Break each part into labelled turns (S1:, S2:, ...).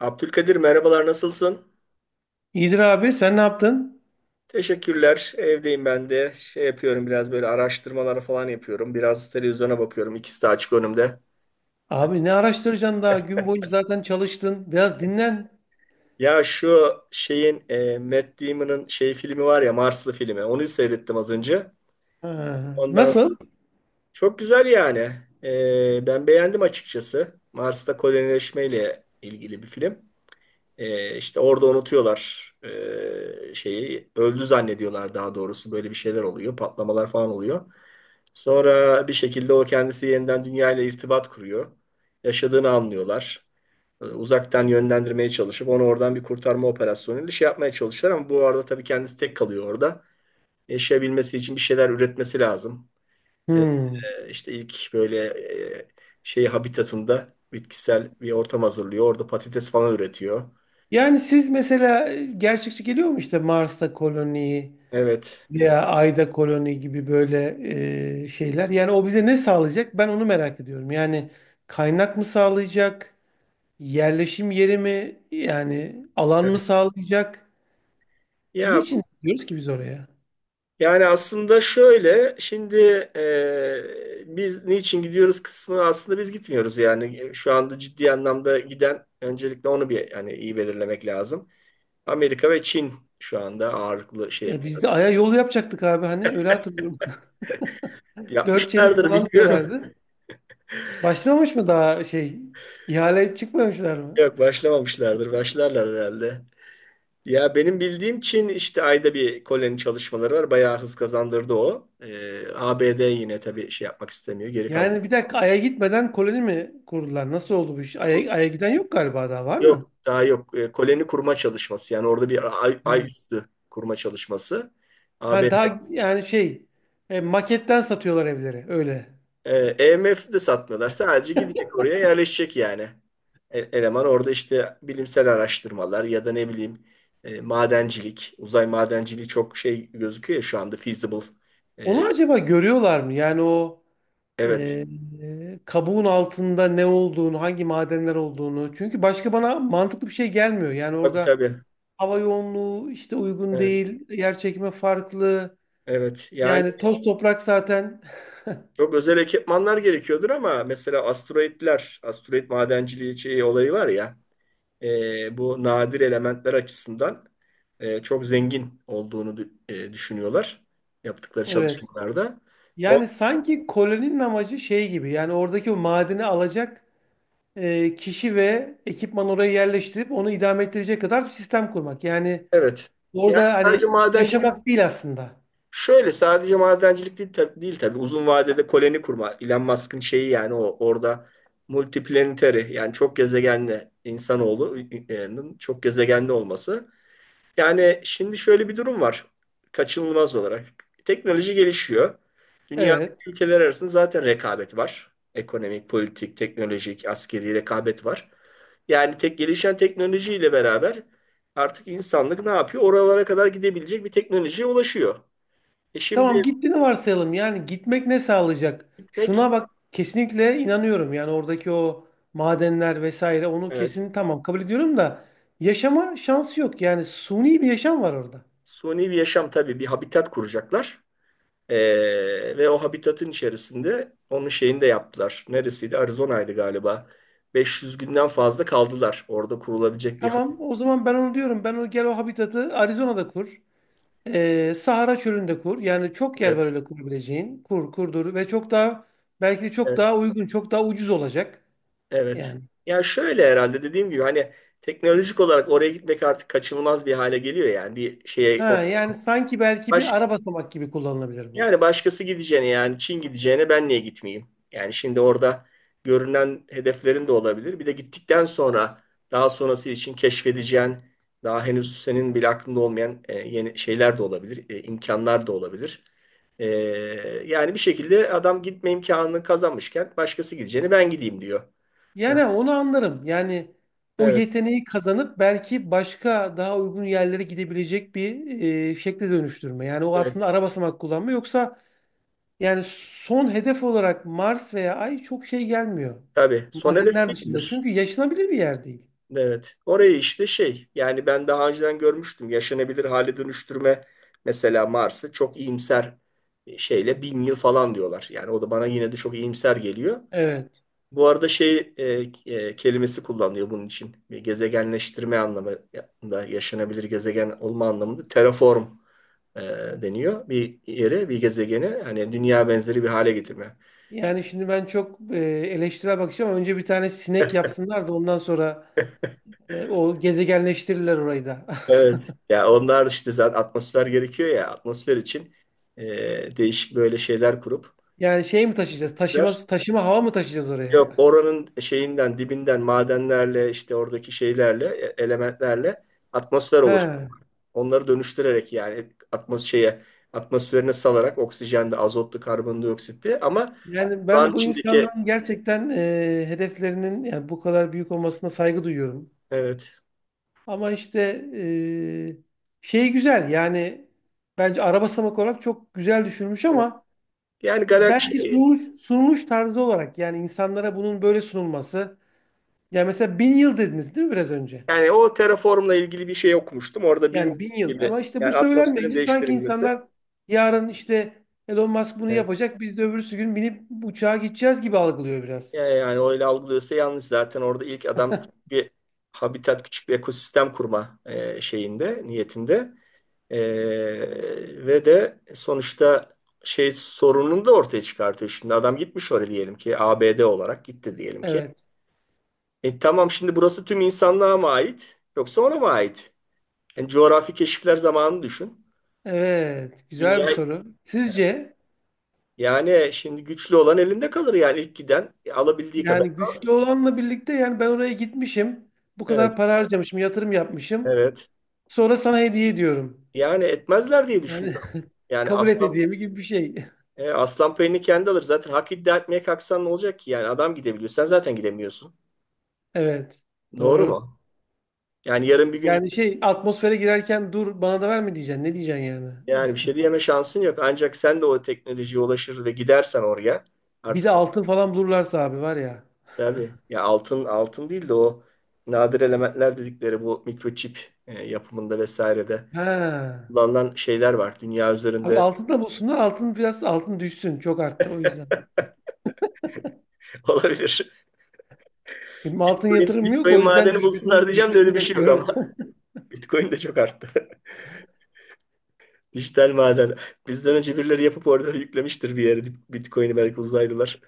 S1: Abdülkadir merhabalar nasılsın?
S2: İyidir abi sen ne yaptın?
S1: Teşekkürler. Evdeyim ben de. Şey yapıyorum biraz böyle araştırmaları falan yapıyorum. Biraz televizyona bakıyorum. İkisi de açık önümde.
S2: Abi ne araştıracaksın, daha gün boyunca zaten çalıştın. Biraz dinlen.
S1: Ya şu şeyin Matt Damon'ın şey filmi var ya Marslı filmi. Onu seyrettim az önce.
S2: Ha,
S1: Ondan
S2: nasıl?
S1: çok güzel yani. Ben beğendim açıkçası. Mars'ta kolonileşmeyle ilgili bir film. İşte orada unutuyorlar şeyi. Öldü zannediyorlar daha doğrusu. Böyle bir şeyler oluyor. Patlamalar falan oluyor. Sonra bir şekilde o kendisi yeniden dünyayla irtibat kuruyor. Yaşadığını anlıyorlar. Uzaktan yönlendirmeye çalışıp onu oradan bir kurtarma operasyonuyla şey yapmaya çalışıyorlar ama bu arada tabii kendisi tek kalıyor orada. Yaşayabilmesi için bir şeyler üretmesi lazım. Ee,
S2: Hmm.
S1: işte ilk böyle e, şey habitatında bitkisel bir ortam hazırlıyor. Orada patates falan üretiyor.
S2: Yani siz mesela gerçekçi geliyor mu işte Mars'ta koloni
S1: Evet.
S2: veya Ay'da koloni gibi böyle şeyler? Yani o bize ne sağlayacak? Ben onu merak ediyorum. Yani kaynak mı sağlayacak? Yerleşim yeri mi? Yani alan mı sağlayacak?
S1: Ya
S2: Niçin gidiyoruz ki biz oraya?
S1: yani aslında şöyle şimdi biz niçin gidiyoruz kısmı aslında biz gitmiyoruz yani şu anda ciddi anlamda giden öncelikle onu bir yani iyi belirlemek lazım. Amerika ve Çin şu anda ağırlıklı şey
S2: E, biz
S1: yapıyor.
S2: de Ay'a yol yapacaktık abi, hani öyle hatırlıyorum. Dört şerit
S1: Yapmışlardır
S2: falan
S1: bilmiyorum.
S2: diyorlardı. Başlamış mı daha şey, ihale çıkmamışlar mı?
S1: Yok başlamamışlardır. Başlarlar herhalde. Ya benim bildiğim Çin işte ayda bir koloni çalışmaları var. Bayağı hız kazandırdı o. ABD yine tabii şey yapmak istemiyor. Geri kalmak.
S2: Yani bir dakika, Ay'a gitmeden koloni mi kurdular? Nasıl oldu bu iş? Ay'a giden yok galiba, daha var mı?
S1: Yok daha yok. Koloni kurma çalışması yani orada bir ay, ay
S2: He.
S1: üstü kurma çalışması.
S2: Ha,
S1: ABD.
S2: daha yani şey, maketten satıyorlar evleri öyle.
S1: EMF de satmıyorlar. Sadece gidecek oraya yerleşecek yani. Eleman orada işte bilimsel araştırmalar ya da ne bileyim madencilik. Uzay madenciliği çok şey gözüküyor ya şu anda feasible. E,
S2: Onu acaba görüyorlar mı? Yani o
S1: evet.
S2: e, kabuğun altında ne olduğunu, hangi madenler olduğunu. Çünkü başka bana mantıklı bir şey gelmiyor. Yani
S1: Tabii
S2: orada
S1: tabii.
S2: hava yoğunluğu işte uygun
S1: Evet.
S2: değil, yer çekimi farklı.
S1: Evet. Yani
S2: Yani toz toprak zaten
S1: çok özel ekipmanlar gerekiyordur ama mesela asteroidler, asteroid madenciliği şey olayı var ya. Bu nadir elementler açısından çok zengin olduğunu düşünüyorlar yaptıkları
S2: evet.
S1: çalışmalarda. O,
S2: Yani sanki koloninin amacı şey gibi, yani oradaki o madeni alacak kişi ve ekipman oraya yerleştirip onu idame ettirecek kadar bir sistem kurmak. Yani
S1: evet. Yani
S2: orada
S1: sadece
S2: hani
S1: madencilik
S2: yaşamak değil aslında.
S1: şöyle sadece madencilik değil, değil tabii uzun vadede koloni kurma. Elon Musk'ın şeyi yani o orada multiplanetary yani çok gezegenli insanoğlu e, e, çok gezegenli olması. Yani şimdi şöyle bir durum var kaçınılmaz olarak. Teknoloji gelişiyor. Dünyadaki
S2: Evet.
S1: ülkeler arasında zaten rekabet var. Ekonomik, politik, teknolojik, askeri rekabet var. Yani tek gelişen teknolojiyle beraber artık insanlık ne yapıyor? Oralara kadar gidebilecek bir teknolojiye ulaşıyor. E
S2: Tamam,
S1: şimdi
S2: gittiğini varsayalım. Yani gitmek ne sağlayacak?
S1: gitmek,
S2: Şuna bak, kesinlikle inanıyorum. Yani oradaki o madenler vesaire, onu
S1: evet,
S2: kesin tamam kabul ediyorum da yaşama şansı yok. Yani suni bir yaşam var orada.
S1: suni bir yaşam tabii bir habitat kuracaklar. Ve o habitatın içerisinde onun şeyini de yaptılar. Neresiydi? Arizona'ydı galiba. 500 günden fazla kaldılar. Orada kurulabilecek bir
S2: Tamam,
S1: habitat.
S2: o zaman ben onu diyorum. Ben, o gel o habitatı Arizona'da kur. Sahara Çölü'nde kur. Yani çok yer
S1: Evet,
S2: var öyle kurabileceğin. Kur, kurdur ve çok daha, belki de çok
S1: evet,
S2: daha uygun, çok daha ucuz olacak.
S1: evet.
S2: Yani.
S1: Yani şöyle herhalde dediğim gibi hani teknolojik olarak oraya gitmek artık kaçınılmaz bir hale geliyor yani bir şeye
S2: Ha,
S1: o-
S2: yani sanki belki
S1: baş
S2: bir ara basamak gibi kullanılabilir bu.
S1: yani başkası gideceğine yani Çin gideceğine ben niye gitmeyeyim? Yani şimdi orada görünen hedeflerin de olabilir. Bir de gittikten sonra daha sonrası için keşfedeceğin daha henüz senin bile aklında olmayan yeni şeyler de olabilir, imkanlar da olabilir. E, Yani bir şekilde adam gitme imkanını kazanmışken başkası gideceğine ben gideyim diyor. Yani
S2: Yani onu anlarım. Yani o
S1: evet,
S2: yeteneği kazanıp belki başka daha uygun yerlere gidebilecek bir şekle dönüştürme. Yani o aslında
S1: evet.
S2: ara basamak kullanma. Yoksa yani son hedef olarak Mars veya Ay çok şey gelmiyor.
S1: Tabii son hedef
S2: Madenler dışında.
S1: değildir.
S2: Çünkü yaşanabilir bir yer değil.
S1: Evet. Orayı işte şey yani ben daha önceden görmüştüm. Yaşanabilir hale dönüştürme mesela Mars'ı çok iyimser şeyle 1000 yıl falan diyorlar. Yani o da bana yine de çok iyimser geliyor.
S2: Evet.
S1: Bu arada şey kelimesi kullanılıyor bunun için. Gezegenleştirme anlamında yaşanabilir gezegen olma anlamında terraform e, deniyor. Bir yere bir gezegeni hani dünya benzeri bir hale getirme.
S2: Yani şimdi ben çok eleştirel bakacağım. Önce bir tane sinek yapsınlar da ondan sonra o gezegenleştirirler orayı da.
S1: Evet. Ya onlar işte zaten atmosfer gerekiyor ya atmosfer için e, değişik böyle şeyler kurup.
S2: Yani şey mi taşıyacağız? Taşıma hava mı taşıyacağız oraya?
S1: Yok oranın şeyinden dibinden madenlerle işte oradaki şeylerle elementlerle atmosfer oluştu.
S2: He.
S1: Onları dönüştürerek yani atmosferine salarak oksijen de azotlu karbondioksit de ama
S2: Yani
S1: buranın
S2: ben bu
S1: içindeki
S2: insanların gerçekten hedeflerinin, yani bu kadar büyük olmasına saygı duyuyorum.
S1: evet.
S2: Ama işte şey güzel yani, bence araba samak olarak çok güzel düşünmüş
S1: Evet.
S2: ama
S1: Yani galaksi
S2: belki sunuluş tarzı olarak, yani insanlara bunun böyle sunulması. Yani mesela 1.000 yıl dediniz değil mi biraz önce?
S1: yani o terraformla ilgili bir şey okumuştum. Orada
S2: Yani
S1: bin
S2: 1.000 yıl,
S1: gibi
S2: ama işte
S1: yani
S2: bu
S1: atmosferin
S2: söylenmeyince sanki
S1: değiştirilmesi.
S2: insanlar yarın işte Elon Musk bunu
S1: Evet.
S2: yapacak, biz de öbürsü gün binip uçağa gideceğiz gibi algılıyor
S1: Ya
S2: biraz.
S1: yani öyle algılıyorsa yanlış. Zaten orada ilk adam küçük bir habitat, küçük bir ekosistem kurma şeyinde, niyetinde. E, ve de sonuçta şey sorununu da ortaya çıkartıyor. Şimdi adam gitmiş oraya diyelim ki ABD olarak gitti diyelim ki.
S2: Evet.
S1: Tamam şimdi burası tüm insanlığa mı ait yoksa ona mı ait? Yani coğrafi keşifler zamanını düşün.
S2: Evet. Güzel
S1: Dünya
S2: bir soru. Sizce?
S1: yani şimdi güçlü olan elinde kalır yani ilk giden alabildiği kadar.
S2: Yani güçlü olanla birlikte, yani ben oraya gitmişim. Bu
S1: Evet,
S2: kadar para harcamışım, yatırım yapmışım.
S1: evet.
S2: Sonra sana hediye ediyorum.
S1: Yani etmezler diye
S2: Yani
S1: düşünüyorum. Yani
S2: kabul et
S1: aslan
S2: hediyemi gibi bir şey.
S1: e, aslan payını kendi alır. Zaten hak iddia etmeye kalksan ne olacak ki? Yani adam gidebiliyor. Sen zaten gidemiyorsun.
S2: Evet.
S1: Doğru
S2: Doğru.
S1: mu? Yani yarın bir gün
S2: Yani şey, atmosfere girerken dur bana da verme diyeceksin. Ne diyeceksin yani?
S1: yani bir şey diyeme şansın yok. Ancak sen de o teknolojiye ulaşır ve gidersen oraya
S2: Bir
S1: artık
S2: de altın falan bulurlarsa abi, var ya.
S1: tabii ya altın altın değil de o nadir elementler dedikleri bu mikroçip yapımında vesairede
S2: Ha.
S1: kullanılan şeyler var. Dünya
S2: Abi
S1: üzerinde
S2: altın da bulsunlar. Altın biraz altın düşsün. Çok arttı o yüzden.
S1: olabilir.
S2: Benim altın
S1: Bitcoin,
S2: yatırımım yok.
S1: Bitcoin
S2: O yüzden
S1: madeni bulsunlar
S2: düşmesini
S1: diyeceğim de öyle
S2: düşmesini
S1: bir şey yok ama
S2: bekliyorum.
S1: Bitcoin de çok arttı. Dijital maden. Bizden önce birileri yapıp orada yüklemiştir bir yere Bitcoin'i belki uzaylılar.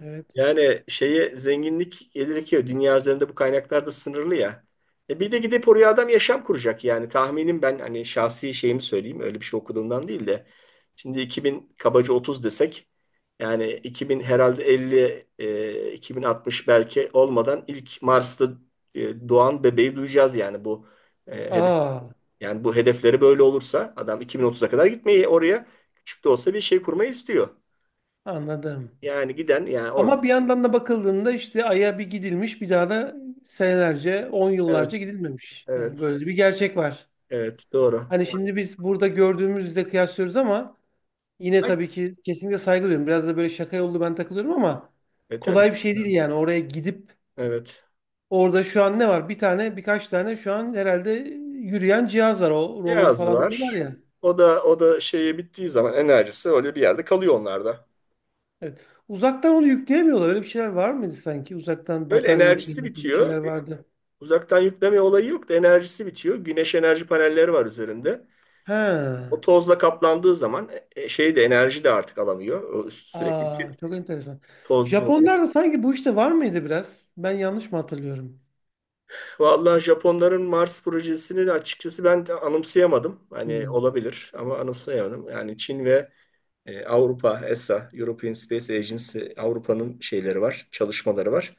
S2: Evet.
S1: Yani şeye zenginlik gelir dünya üzerinde bu kaynaklar da sınırlı ya. Bir de gidip oraya adam yaşam kuracak yani tahminim ben hani şahsi şeyimi söyleyeyim öyle bir şey okuduğumdan değil de. Şimdi 2000 kabaca 30 desek yani 2000 herhalde 50 2060 belki olmadan ilk Mars'ta doğan bebeği duyacağız yani e,
S2: Aa,
S1: bu hedefleri böyle olursa adam 2030'a kadar gitmeyi oraya küçük de olsa bir şey kurmayı istiyor.
S2: anladım.
S1: Yani giden yani orada
S2: Ama bir yandan da bakıldığında işte Ay'a bir gidilmiş, bir daha da senelerce, on
S1: evet
S2: yıllarca gidilmemiş. Yani
S1: evet
S2: böyle bir gerçek var.
S1: evet doğru.
S2: Hani şimdi biz burada gördüğümüzle kıyaslıyoruz ama yine
S1: Ay,
S2: tabii ki kesinlikle saygı duyuyorum. Biraz da böyle şaka yollu ben takılıyorum ama
S1: tabii
S2: kolay bir şey değil yani, oraya gidip
S1: evet.
S2: orada şu an ne var? Bir tane, birkaç tane şu an herhalde yürüyen cihaz var. O rover
S1: Yaz
S2: falan diyorlar
S1: var.
S2: ya.
S1: O da o da şeye bittiği zaman enerjisi öyle bir yerde kalıyor onlarda.
S2: Evet. Uzaktan onu yükleyemiyorlar. Öyle bir şeyler var mıydı sanki? Uzaktan
S1: Öyle
S2: batarya
S1: enerjisi
S2: yükleme gibi bir şeyler
S1: bitiyor.
S2: vardı.
S1: Uzaktan yükleme olayı yok da enerjisi bitiyor. Güneş enerji panelleri var üzerinde.
S2: He.
S1: O tozla kaplandığı zaman şey de enerji de artık alamıyor. O
S2: Aa,
S1: sürekli
S2: çok enteresan.
S1: tozlu.
S2: Japonlarda sanki bu işte var mıydı biraz? Ben yanlış mı hatırlıyorum?
S1: Vallahi Japonların Mars projesini de açıkçası ben de anımsayamadım. Hani
S2: Hmm.
S1: olabilir ama anımsayamadım. Yani Çin ve Avrupa, ESA, European Space Agency, Avrupa'nın şeyleri var, çalışmaları var.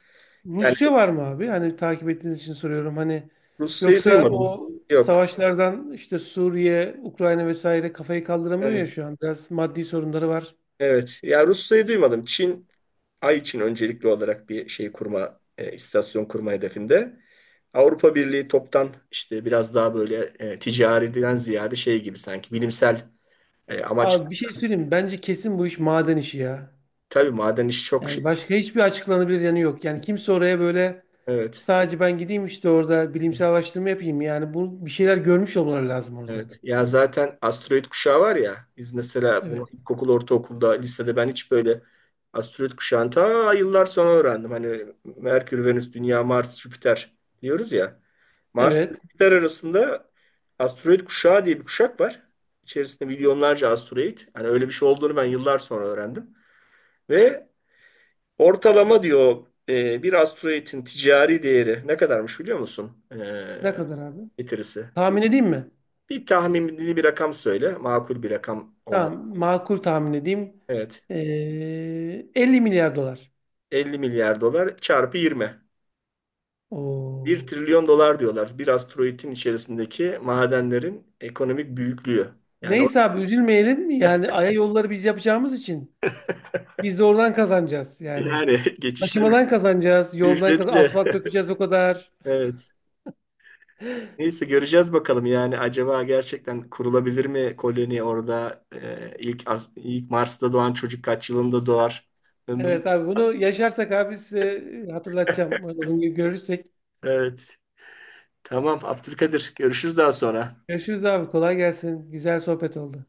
S1: Yani
S2: Rusya var mı abi? Hani takip ettiğiniz için soruyorum. Hani
S1: Rusya'yı
S2: yoksa
S1: duymadım.
S2: o
S1: Yok.
S2: savaşlardan işte, Suriye, Ukrayna vesaire kafayı kaldıramıyor
S1: Evet.
S2: ya şu an. Biraz maddi sorunları var.
S1: Evet. Ya Rusya'yı duymadım. Çin, Ay için öncelikli olarak bir şey kurma, istasyon kurma hedefinde. Avrupa Birliği toptan işte biraz daha böyle ticariden ziyade şey gibi sanki bilimsel amaç.
S2: Abi bir şey söyleyeyim mi? Bence kesin bu iş maden işi ya.
S1: Tabii maden işi çok.
S2: Yani başka hiçbir açıklanabilir yanı yok. Yani kimse oraya böyle
S1: Evet,
S2: sadece ben gideyim işte, orada bilimsel araştırma yapayım. Yani bu, bir şeyler görmüş olmaları lazım orada.
S1: evet. Ya zaten asteroid kuşağı var ya, biz mesela bunu
S2: Evet.
S1: ilkokul, ortaokulda, lisede ben hiç böyle asteroid kuşağını ta yıllar sonra öğrendim. Hani Merkür, Venüs, Dünya, Mars, Jüpiter diyoruz ya. Mars ile
S2: Evet.
S1: Jüpiter arasında asteroid kuşağı diye bir kuşak var. İçerisinde milyonlarca asteroid. Hani öyle bir şey olduğunu ben yıllar sonra öğrendim. Ve ortalama diyor bir asteroidin ticari değeri ne kadarmış biliyor musun?
S2: Ne
S1: E,
S2: kadar abi?
S1: getirisi.
S2: Tahmin edeyim mi?
S1: Bir tahminli bir rakam söyle. Makul bir rakam olmalı.
S2: Tamam, makul tahmin edeyim.
S1: Evet.
S2: 50 milyar dolar.
S1: 50 milyar dolar çarpı 20.
S2: Oo.
S1: Bir trilyon dolar diyorlar. Bir asteroidin içerisindeki madenlerin ekonomik büyüklüğü. Yani o,
S2: Neyse abi üzülmeyelim. Yani Ay'a yolları biz yapacağımız için biz de oradan kazanacağız yani.
S1: yani geçişleri
S2: Taşımadan kazanacağız, yoldan kaz,
S1: ücretli.
S2: asfalt dökeceğiz, o kadar.
S1: Evet. Neyse göreceğiz bakalım yani acaba gerçekten kurulabilir mi koloni orada. İlk as- ilk Mars'ta doğan çocuk kaç yılında doğar? Ömrüm.
S2: Evet abi, bunu yaşarsak abi size hatırlatacağım. Uygun gibi görürsek.
S1: Evet. Tamam, Abdülkadir, görüşürüz daha sonra.
S2: Görüşürüz abi, kolay gelsin. Güzel sohbet oldu.